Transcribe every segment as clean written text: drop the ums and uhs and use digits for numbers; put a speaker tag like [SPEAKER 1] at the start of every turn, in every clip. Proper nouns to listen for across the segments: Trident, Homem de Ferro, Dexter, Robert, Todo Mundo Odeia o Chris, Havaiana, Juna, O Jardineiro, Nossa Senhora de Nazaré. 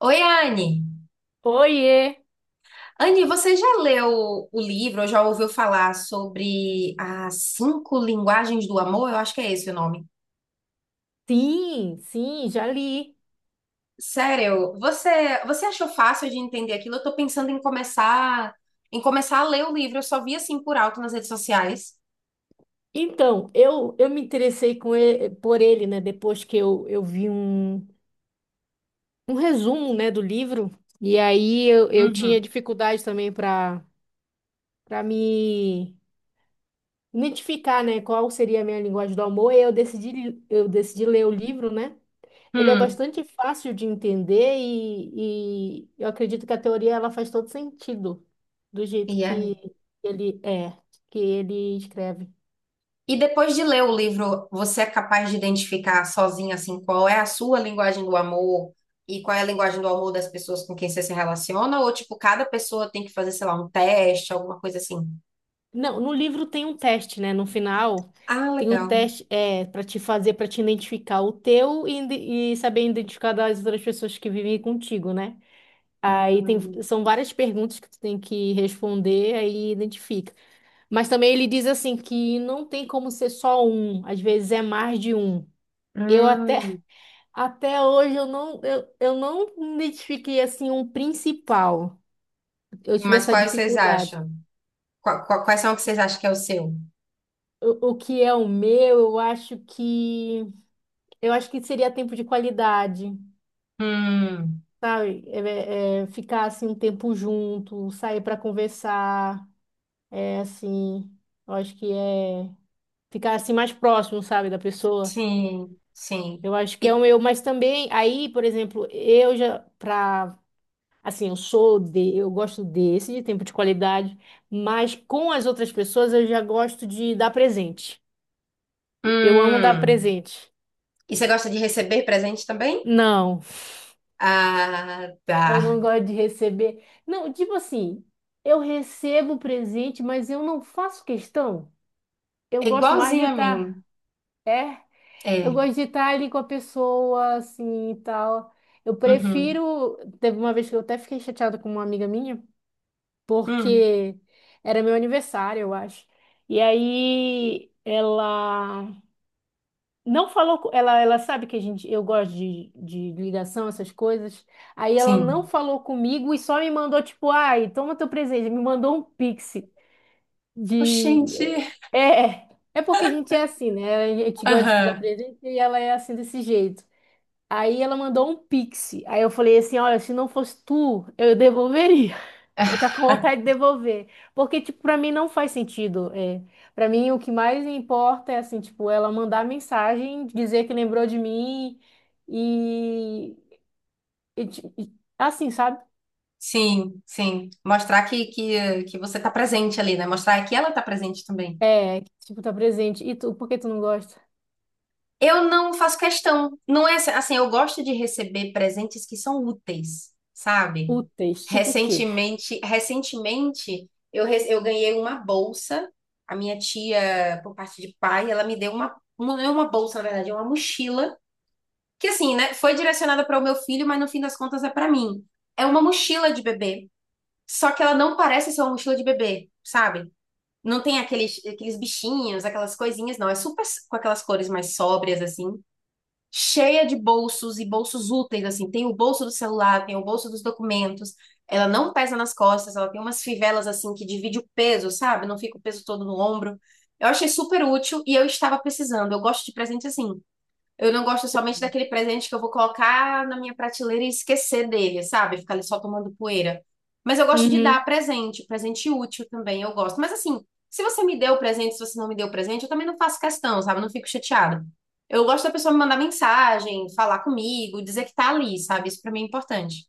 [SPEAKER 1] Oi, Anne.
[SPEAKER 2] Oiê!
[SPEAKER 1] Anne, você já leu o livro ou já ouviu falar sobre as cinco linguagens do amor? Eu acho que é esse o nome.
[SPEAKER 2] Sim, sim, já li.
[SPEAKER 1] Sério, você achou fácil de entender aquilo? Eu tô pensando em começar a ler o livro. Eu só vi assim por alto nas redes sociais.
[SPEAKER 2] Então, eu me por ele, né? Depois que eu vi um resumo, né, do livro. E aí eu tinha
[SPEAKER 1] Uhum.
[SPEAKER 2] dificuldade também para me identificar, né, qual seria a minha linguagem do amor. E aí eu decidi ler o livro, né? Ele é
[SPEAKER 1] Hum.
[SPEAKER 2] bastante fácil de entender e eu acredito que a teoria ela faz todo sentido do jeito
[SPEAKER 1] E é?
[SPEAKER 2] que ele é, que ele escreve.
[SPEAKER 1] E depois de ler o livro, você é capaz de identificar sozinha assim qual é a sua linguagem do amor e qual é a linguagem do amor das pessoas com quem você se relaciona? Ou tipo, cada pessoa tem que fazer, sei lá, um teste, alguma coisa assim?
[SPEAKER 2] Não, no livro tem um teste, né? No final
[SPEAKER 1] Ah,
[SPEAKER 2] tem um
[SPEAKER 1] legal.
[SPEAKER 2] teste é para te identificar o teu e, e saber identificar das outras pessoas que vivem contigo, né? Aí tem
[SPEAKER 1] Hum,
[SPEAKER 2] são várias perguntas que tu tem que responder aí identifica. Mas também ele diz assim que não tem como ser só um, às vezes é mais de um. Eu até
[SPEAKER 1] hum.
[SPEAKER 2] até hoje eu não identifiquei assim um principal. Eu tive
[SPEAKER 1] Mas
[SPEAKER 2] essa
[SPEAKER 1] quais vocês
[SPEAKER 2] dificuldade.
[SPEAKER 1] acham? Quais são que vocês acham que é o seu?
[SPEAKER 2] O que é o meu, Eu acho que seria tempo de qualidade,
[SPEAKER 1] Hum,
[SPEAKER 2] sabe? É ficar assim um tempo junto, sair para conversar, é assim, eu acho que é ficar assim mais próximo, sabe, da pessoa.
[SPEAKER 1] sim, sim.
[SPEAKER 2] Eu acho que é o
[SPEAKER 1] E,
[SPEAKER 2] meu, mas também aí, por exemplo, eu já pra assim, eu sou de, eu gosto desse de tempo de qualidade, mas com as outras pessoas eu já gosto de dar presente. Eu amo dar
[SPEAKER 1] hum.
[SPEAKER 2] presente.
[SPEAKER 1] E você gosta de receber presente também?
[SPEAKER 2] Não.
[SPEAKER 1] Ah,
[SPEAKER 2] Eu
[SPEAKER 1] tá.
[SPEAKER 2] não gosto de receber. Não, tipo assim, eu recebo o presente, mas eu não faço questão. Eu
[SPEAKER 1] É
[SPEAKER 2] gosto mais de
[SPEAKER 1] igualzinho a
[SPEAKER 2] estar,
[SPEAKER 1] mim.
[SPEAKER 2] é? Eu
[SPEAKER 1] É.
[SPEAKER 2] gosto de estar ali com a pessoa, assim, e tal. Eu
[SPEAKER 1] Uhum.
[SPEAKER 2] prefiro. Teve uma vez que eu até fiquei chateada com uma amiga minha,
[SPEAKER 1] Hum.
[SPEAKER 2] porque era meu aniversário, eu acho. E aí ela não falou, co- ela sabe que a gente, eu gosto de ligação, essas coisas. Aí ela não
[SPEAKER 1] Sim.
[SPEAKER 2] falou comigo e só me mandou, tipo, ai, toma teu presente. Me mandou um pix de.
[SPEAKER 1] Oxente.
[SPEAKER 2] É, é, porque a gente é assim, né? A gente gosta de se dar
[SPEAKER 1] Aham.
[SPEAKER 2] presente e ela é assim desse jeito. Aí ela mandou um pix. Aí eu falei assim: olha, se não fosse tu, eu devolveria. Eu tô com vontade de devolver. Porque, tipo, pra mim não faz sentido. É. Pra mim, o que mais importa é, assim, tipo, ela mandar mensagem, dizer que lembrou de mim e... e ti- e- assim, sabe?
[SPEAKER 1] Sim, sim. Mostrar que você tá presente ali, né? Mostrar que ela tá presente também.
[SPEAKER 2] É, tipo, tá presente. E tu, por que tu não gosta?
[SPEAKER 1] Eu não faço questão. Não é assim, eu gosto de receber presentes que são úteis, sabe?
[SPEAKER 2] Úteis. Tipo o quê?
[SPEAKER 1] Recentemente, eu ganhei uma bolsa. A minha tia, por parte de pai, ela me deu uma, não é uma bolsa, na verdade, é uma mochila que assim, né, foi direcionada para o meu filho, mas no fim das contas é para mim. É uma mochila de bebê, só que ela não parece ser uma mochila de bebê, sabe? Não tem aqueles bichinhos, aquelas coisinhas, não. É super com aquelas cores mais sóbrias, assim. Cheia de bolsos e bolsos úteis, assim. Tem o bolso do celular, tem o bolso dos documentos. Ela não pesa nas costas, ela tem umas fivelas, assim, que divide o peso, sabe? Não fica o peso todo no ombro. Eu achei super útil e eu estava precisando. Eu gosto de presente assim. Eu não gosto somente daquele presente que eu vou colocar na minha prateleira e esquecer dele, sabe? Ficar ali só tomando poeira. Mas eu gosto de dar
[SPEAKER 2] Uhum.
[SPEAKER 1] presente, presente útil também, eu gosto. Mas assim, se você me deu presente, se você não me deu presente, eu também não faço questão, sabe? Eu não fico chateada. Eu gosto da pessoa me mandar mensagem, falar comigo, dizer que tá ali, sabe? Isso pra mim é importante.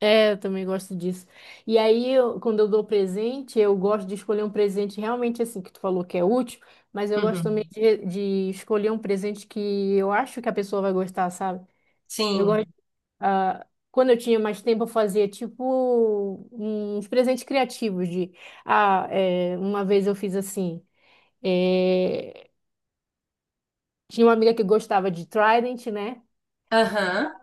[SPEAKER 2] É, eu também gosto disso. E aí, quando eu dou presente, eu gosto de escolher um presente realmente, assim, que tu falou que é útil, mas eu gosto também
[SPEAKER 1] Uhum.
[SPEAKER 2] de escolher um presente que eu acho que a pessoa vai gostar, sabe? Eu gosto
[SPEAKER 1] Sim.
[SPEAKER 2] Ah, quando eu tinha mais tempo, eu fazia tipo uns presentes criativos de ah, é, uma vez eu fiz assim. É, tinha uma amiga que gostava de Trident, né?
[SPEAKER 1] Aham.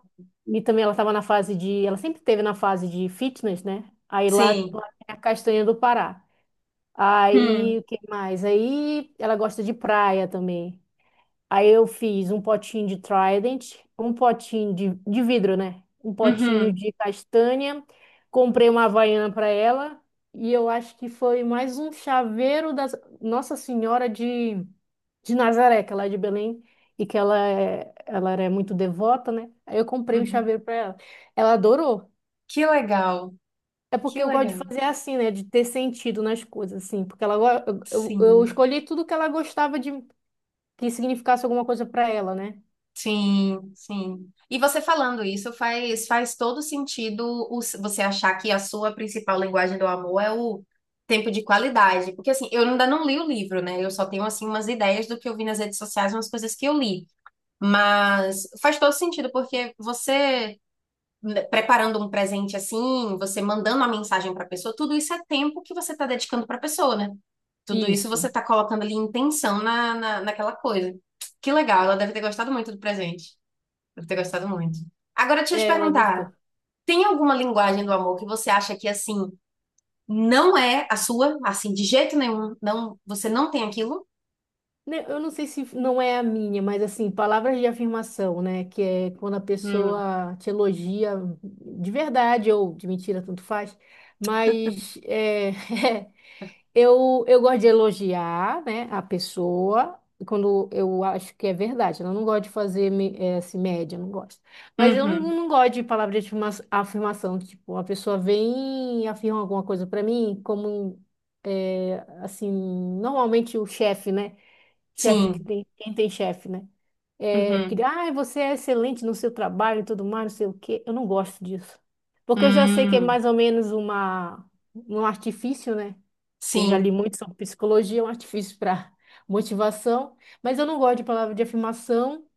[SPEAKER 2] E também ela estava na fase de. Ela sempre teve na fase de fitness, né? Aí lá
[SPEAKER 1] Sim.
[SPEAKER 2] tem a castanha do Pará. Aí,
[SPEAKER 1] Hum.
[SPEAKER 2] o que mais? Aí ela gosta de praia também. Aí eu fiz um potinho de Trident, um potinho de vidro, né? Um potinho
[SPEAKER 1] Uhum.
[SPEAKER 2] de castanha, comprei uma Havaiana para ela e eu acho que foi mais um chaveiro da Nossa Senhora de Nazaré, que ela é de Belém e que ela, é, ela era muito devota, né? Aí eu comprei um
[SPEAKER 1] Uhum.
[SPEAKER 2] chaveiro para ela. Ela adorou.
[SPEAKER 1] Que legal.
[SPEAKER 2] É
[SPEAKER 1] Que
[SPEAKER 2] porque eu gosto de
[SPEAKER 1] legal.
[SPEAKER 2] fazer assim, né? De ter sentido nas coisas, assim. Porque ela, go- eu
[SPEAKER 1] Sim.
[SPEAKER 2] escolhi tudo que ela gostava de que significasse alguma coisa para ela, né?
[SPEAKER 1] Sim, sim. E você falando isso faz todo sentido você achar que a sua principal linguagem do amor é o tempo de qualidade. Porque assim, eu ainda não li o livro, né? Eu só tenho assim umas ideias do que eu vi nas redes sociais, umas coisas que eu li. Mas faz todo sentido, porque você né, preparando um presente assim, você mandando uma mensagem para a pessoa, tudo isso é tempo que você está dedicando para a pessoa, né? Tudo isso você
[SPEAKER 2] Isso.
[SPEAKER 1] está colocando ali intenção naquela coisa. Que legal, ela deve ter gostado muito do presente. Deve ter gostado muito. Agora, deixa eu te
[SPEAKER 2] É, ela gostou.
[SPEAKER 1] perguntar, tem alguma linguagem do amor que você acha que, assim, não é a sua? Assim, de jeito nenhum, não, você não tem aquilo?
[SPEAKER 2] Né, eu não sei se não é a minha, mas assim, palavras de afirmação, né? Que é quando a
[SPEAKER 1] Hum,
[SPEAKER 2] pessoa te elogia de verdade ou de mentira, tanto faz. Mas é, Eu gosto de elogiar, né, a pessoa quando eu acho que é verdade. Eu não gosto de fazer assim, média, eu não gosto. Mas eu não,
[SPEAKER 1] uhum,
[SPEAKER 2] não gosto de palavra de afirmação. Tipo, a pessoa vem e afirma alguma coisa para mim, como assim, normalmente o chefe, né? Chefe que
[SPEAKER 1] sim,
[SPEAKER 2] tem, quem tem chefe, né? É, que,
[SPEAKER 1] uhum,
[SPEAKER 2] ah, você é excelente no seu trabalho e tudo mais, não sei o quê. Eu não gosto disso. Porque eu já sei que é
[SPEAKER 1] hum,
[SPEAKER 2] mais ou menos uma, um artifício, né? Que eu já li
[SPEAKER 1] sim.
[SPEAKER 2] muito sobre psicologia, é um artifício para motivação. Mas eu não gosto de palavra de afirmação.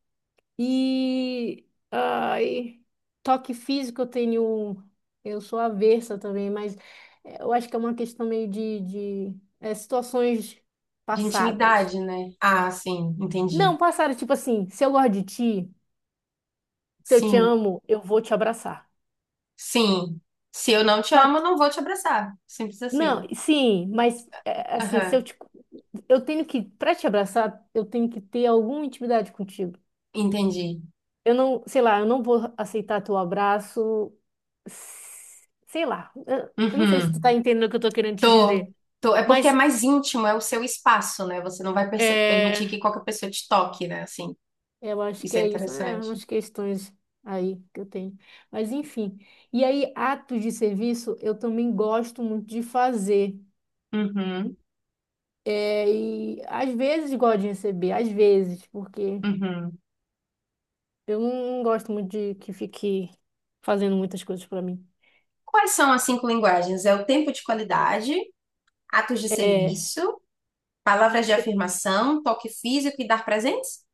[SPEAKER 2] E ai, toque físico eu tenho. Eu sou avessa também, mas eu acho que é uma questão meio de situações
[SPEAKER 1] De
[SPEAKER 2] passadas.
[SPEAKER 1] intimidade, né? Ah, sim, entendi.
[SPEAKER 2] Não, passaram tipo assim, se eu gosto de ti, se eu te
[SPEAKER 1] Sim,
[SPEAKER 2] amo, eu vou te abraçar.
[SPEAKER 1] sim. Se eu não te
[SPEAKER 2] Só
[SPEAKER 1] amo, eu
[SPEAKER 2] que,
[SPEAKER 1] não vou te abraçar. Simples
[SPEAKER 2] não,
[SPEAKER 1] assim.
[SPEAKER 2] sim, mas é, assim, se eu
[SPEAKER 1] Aham,
[SPEAKER 2] te, eu tenho que, pra te abraçar, eu tenho que ter alguma intimidade contigo.
[SPEAKER 1] entendi.
[SPEAKER 2] Eu não, sei lá, eu não vou aceitar teu abraço, sei lá. Eu não sei se tu tá
[SPEAKER 1] Uhum.
[SPEAKER 2] entendendo o que eu tô querendo te
[SPEAKER 1] Tô,
[SPEAKER 2] dizer,
[SPEAKER 1] tô. É porque é
[SPEAKER 2] mas
[SPEAKER 1] mais íntimo, é o seu espaço, né? Você não vai permitir
[SPEAKER 2] é,
[SPEAKER 1] que qualquer pessoa te toque, né? Assim,
[SPEAKER 2] eu acho que
[SPEAKER 1] isso é
[SPEAKER 2] é isso, é
[SPEAKER 1] interessante.
[SPEAKER 2] umas questões aí que eu tenho. Mas enfim. E aí, atos de serviço, eu também gosto muito de fazer.
[SPEAKER 1] Uhum,
[SPEAKER 2] É, e às vezes gosto de receber, às vezes, porque
[SPEAKER 1] uhum.
[SPEAKER 2] eu não gosto muito de que fique fazendo muitas coisas pra mim.
[SPEAKER 1] Quais são as cinco linguagens? É o tempo de qualidade, atos de
[SPEAKER 2] É,
[SPEAKER 1] serviço, palavras de afirmação, toque físico e dar presentes?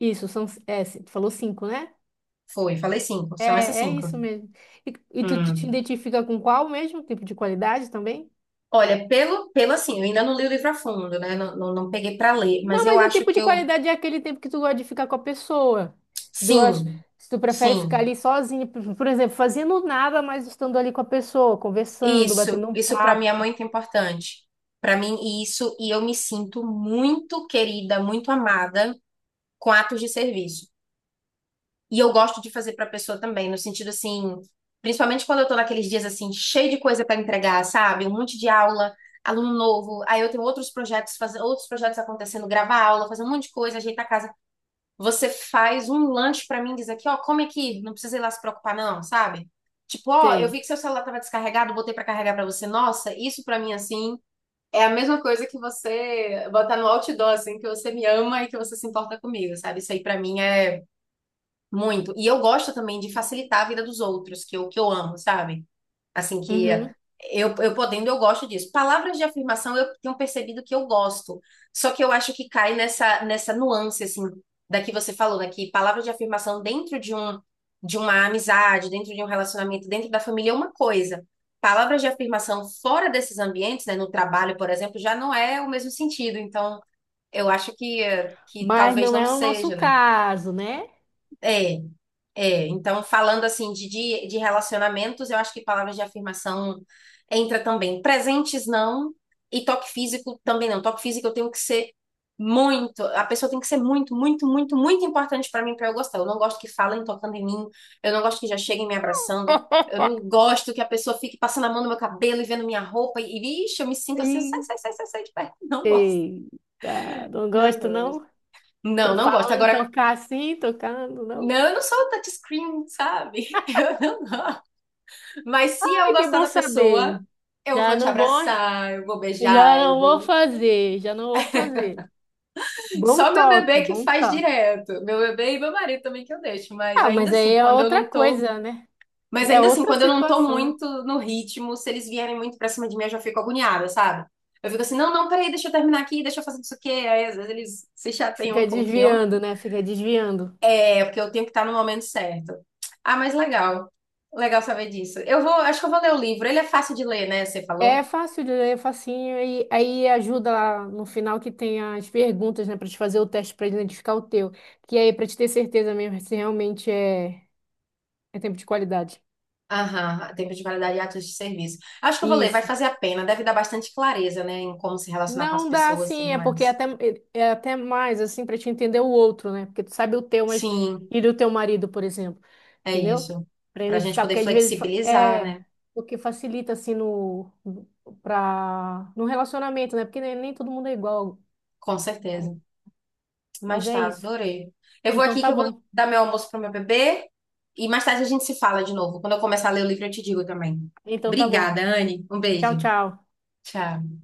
[SPEAKER 2] isso, são, é, você falou cinco, né?
[SPEAKER 1] Foi, falei cinco.
[SPEAKER 2] É,
[SPEAKER 1] São essas
[SPEAKER 2] é
[SPEAKER 1] cinco.
[SPEAKER 2] isso mesmo. E, e tu te
[SPEAKER 1] Hum.
[SPEAKER 2] identifica com qual mesmo? Tempo de qualidade também?
[SPEAKER 1] Olha, pelo, assim, eu ainda não li o livro a fundo, né? Não, não, não peguei para ler,
[SPEAKER 2] Não,
[SPEAKER 1] mas eu
[SPEAKER 2] mas o
[SPEAKER 1] acho
[SPEAKER 2] tempo
[SPEAKER 1] que
[SPEAKER 2] de
[SPEAKER 1] eu.
[SPEAKER 2] qualidade é aquele tempo que tu gosta de ficar com a pessoa. Tu gosta,
[SPEAKER 1] Sim,
[SPEAKER 2] se tu prefere ficar
[SPEAKER 1] sim.
[SPEAKER 2] ali sozinho, por exemplo, fazendo nada, mas estando ali com a pessoa, conversando,
[SPEAKER 1] Isso,
[SPEAKER 2] batendo um
[SPEAKER 1] isso para mim é
[SPEAKER 2] papo.
[SPEAKER 1] muito importante. Para mim, isso, e eu me sinto muito querida, muito amada com atos de serviço. E eu gosto de fazer para pessoa também, no sentido assim, principalmente quando eu tô naqueles dias assim, cheio de coisa para entregar, sabe? Um monte de aula, aluno novo, aí eu tenho outros projetos, fazer outros projetos acontecendo, gravar aula, fazer um monte de coisa, ajeitar a casa. Você faz um lanche pra mim, e diz aqui, ó, come aqui, não precisa ir lá se preocupar não, sabe? Tipo, ó, eu vi
[SPEAKER 2] Sei.
[SPEAKER 1] que seu celular tava descarregado, botei pra carregar pra você. Nossa, isso pra mim assim é a mesma coisa que você botar no outdoor assim, que você me ama e que você se importa comigo, sabe? Isso aí pra mim é muito. E eu gosto também de facilitar a vida dos outros, que eu amo, sabe? Assim que
[SPEAKER 2] Uhum.
[SPEAKER 1] eu podendo, eu gosto disso. Palavras de afirmação eu tenho percebido que eu gosto. Só que eu acho que cai nessa nuance, assim, da que você falou, né? Que palavras de afirmação dentro de um, de uma amizade, dentro de um relacionamento, dentro da família é uma coisa. Palavras de afirmação fora desses ambientes, né? No trabalho, por exemplo, já não é o mesmo sentido. Então, eu acho que, que
[SPEAKER 2] Mas
[SPEAKER 1] talvez
[SPEAKER 2] não
[SPEAKER 1] não
[SPEAKER 2] é o nosso
[SPEAKER 1] seja, né?
[SPEAKER 2] caso, né?
[SPEAKER 1] É. É, então, falando assim de relacionamentos, eu acho que palavras de afirmação entra também. Presentes não, e toque físico também não. Toque físico eu tenho que ser muito, a pessoa tem que ser muito, muito, muito, muito importante para mim para eu gostar. Eu não gosto que falem tocando em mim, eu não gosto que já cheguem me abraçando, eu não gosto que a pessoa fique passando a mão no meu cabelo e vendo minha roupa ixi, eu me sinto assim, sai,
[SPEAKER 2] Ih,
[SPEAKER 1] sai, sai, sai, sai de perto. Não gosto,
[SPEAKER 2] eita, não
[SPEAKER 1] não
[SPEAKER 2] gosta,
[SPEAKER 1] gosto.
[SPEAKER 2] não?
[SPEAKER 1] Não,
[SPEAKER 2] Tô
[SPEAKER 1] não gosto.
[SPEAKER 2] falando,
[SPEAKER 1] Agora,
[SPEAKER 2] tocar assim, tocando, não?
[SPEAKER 1] não, eu não sou touchscreen, sabe? Eu não gosto. Mas se eu
[SPEAKER 2] Ai, que
[SPEAKER 1] gostar
[SPEAKER 2] bom
[SPEAKER 1] da
[SPEAKER 2] saber.
[SPEAKER 1] pessoa, eu vou
[SPEAKER 2] Já
[SPEAKER 1] te
[SPEAKER 2] não vou,
[SPEAKER 1] abraçar, eu vou
[SPEAKER 2] já
[SPEAKER 1] beijar, eu
[SPEAKER 2] não vou
[SPEAKER 1] vou.
[SPEAKER 2] fazer, já não vou fazer. Bom
[SPEAKER 1] Só meu
[SPEAKER 2] toque,
[SPEAKER 1] bebê que
[SPEAKER 2] bom
[SPEAKER 1] faz
[SPEAKER 2] toque.
[SPEAKER 1] direto. Meu bebê e meu marido também que eu deixo. Mas
[SPEAKER 2] Ah,
[SPEAKER 1] ainda
[SPEAKER 2] mas aí
[SPEAKER 1] assim,
[SPEAKER 2] é
[SPEAKER 1] quando eu não
[SPEAKER 2] outra
[SPEAKER 1] tô.
[SPEAKER 2] coisa, né?
[SPEAKER 1] Mas
[SPEAKER 2] É
[SPEAKER 1] ainda assim,
[SPEAKER 2] outra
[SPEAKER 1] quando eu não tô
[SPEAKER 2] situação, né?
[SPEAKER 1] muito no ritmo, se eles vierem muito pra cima de mim, eu já fico agoniada, sabe? Eu fico assim, não, não, peraí, deixa eu terminar aqui, deixa eu fazer isso aqui. Aí às vezes eles se chateiam
[SPEAKER 2] Fica
[SPEAKER 1] um pouquinho.
[SPEAKER 2] desviando, né? Fica desviando.
[SPEAKER 1] É, porque eu tenho que estar no momento certo. Ah, mas legal. Legal saber disso. Eu vou, acho que eu vou ler o livro. Ele é fácil de ler, né? Você
[SPEAKER 2] É
[SPEAKER 1] falou?
[SPEAKER 2] fácil de ler, é facinho, e aí ajuda lá no final que tem as perguntas, né, para te fazer o teste para identificar o teu, que aí para te ter certeza mesmo se realmente é tempo de qualidade.
[SPEAKER 1] Aham, tempo de validade e atos de serviço. Acho que eu vou ler, vai
[SPEAKER 2] Isso.
[SPEAKER 1] fazer a pena, deve dar bastante clareza, né, em como se relacionar com as
[SPEAKER 2] Não dá
[SPEAKER 1] pessoas e tudo
[SPEAKER 2] assim, é porque
[SPEAKER 1] mais.
[SPEAKER 2] é até mais assim para te entender o outro, né? Porque tu sabe o teu, mas
[SPEAKER 1] Sim,
[SPEAKER 2] e do teu marido, por exemplo,
[SPEAKER 1] é
[SPEAKER 2] entendeu?
[SPEAKER 1] isso.
[SPEAKER 2] Para
[SPEAKER 1] Para a gente
[SPEAKER 2] identificar,
[SPEAKER 1] poder
[SPEAKER 2] porque às vezes fa-
[SPEAKER 1] flexibilizar, né?
[SPEAKER 2] é o que facilita assim para no relacionamento, né? Porque nem todo mundo é igual.
[SPEAKER 1] Com certeza.
[SPEAKER 2] Mas
[SPEAKER 1] Mas
[SPEAKER 2] é
[SPEAKER 1] tá,
[SPEAKER 2] isso.
[SPEAKER 1] adorei. Eu vou
[SPEAKER 2] Então
[SPEAKER 1] aqui que
[SPEAKER 2] tá
[SPEAKER 1] eu vou
[SPEAKER 2] bom.
[SPEAKER 1] dar meu almoço pro meu bebê e mais tarde a gente se fala de novo. Quando eu começar a ler o livro, eu te digo também.
[SPEAKER 2] Então tá bom.
[SPEAKER 1] Obrigada, Anne. Um
[SPEAKER 2] Tchau,
[SPEAKER 1] beijo.
[SPEAKER 2] tchau.
[SPEAKER 1] Tchau.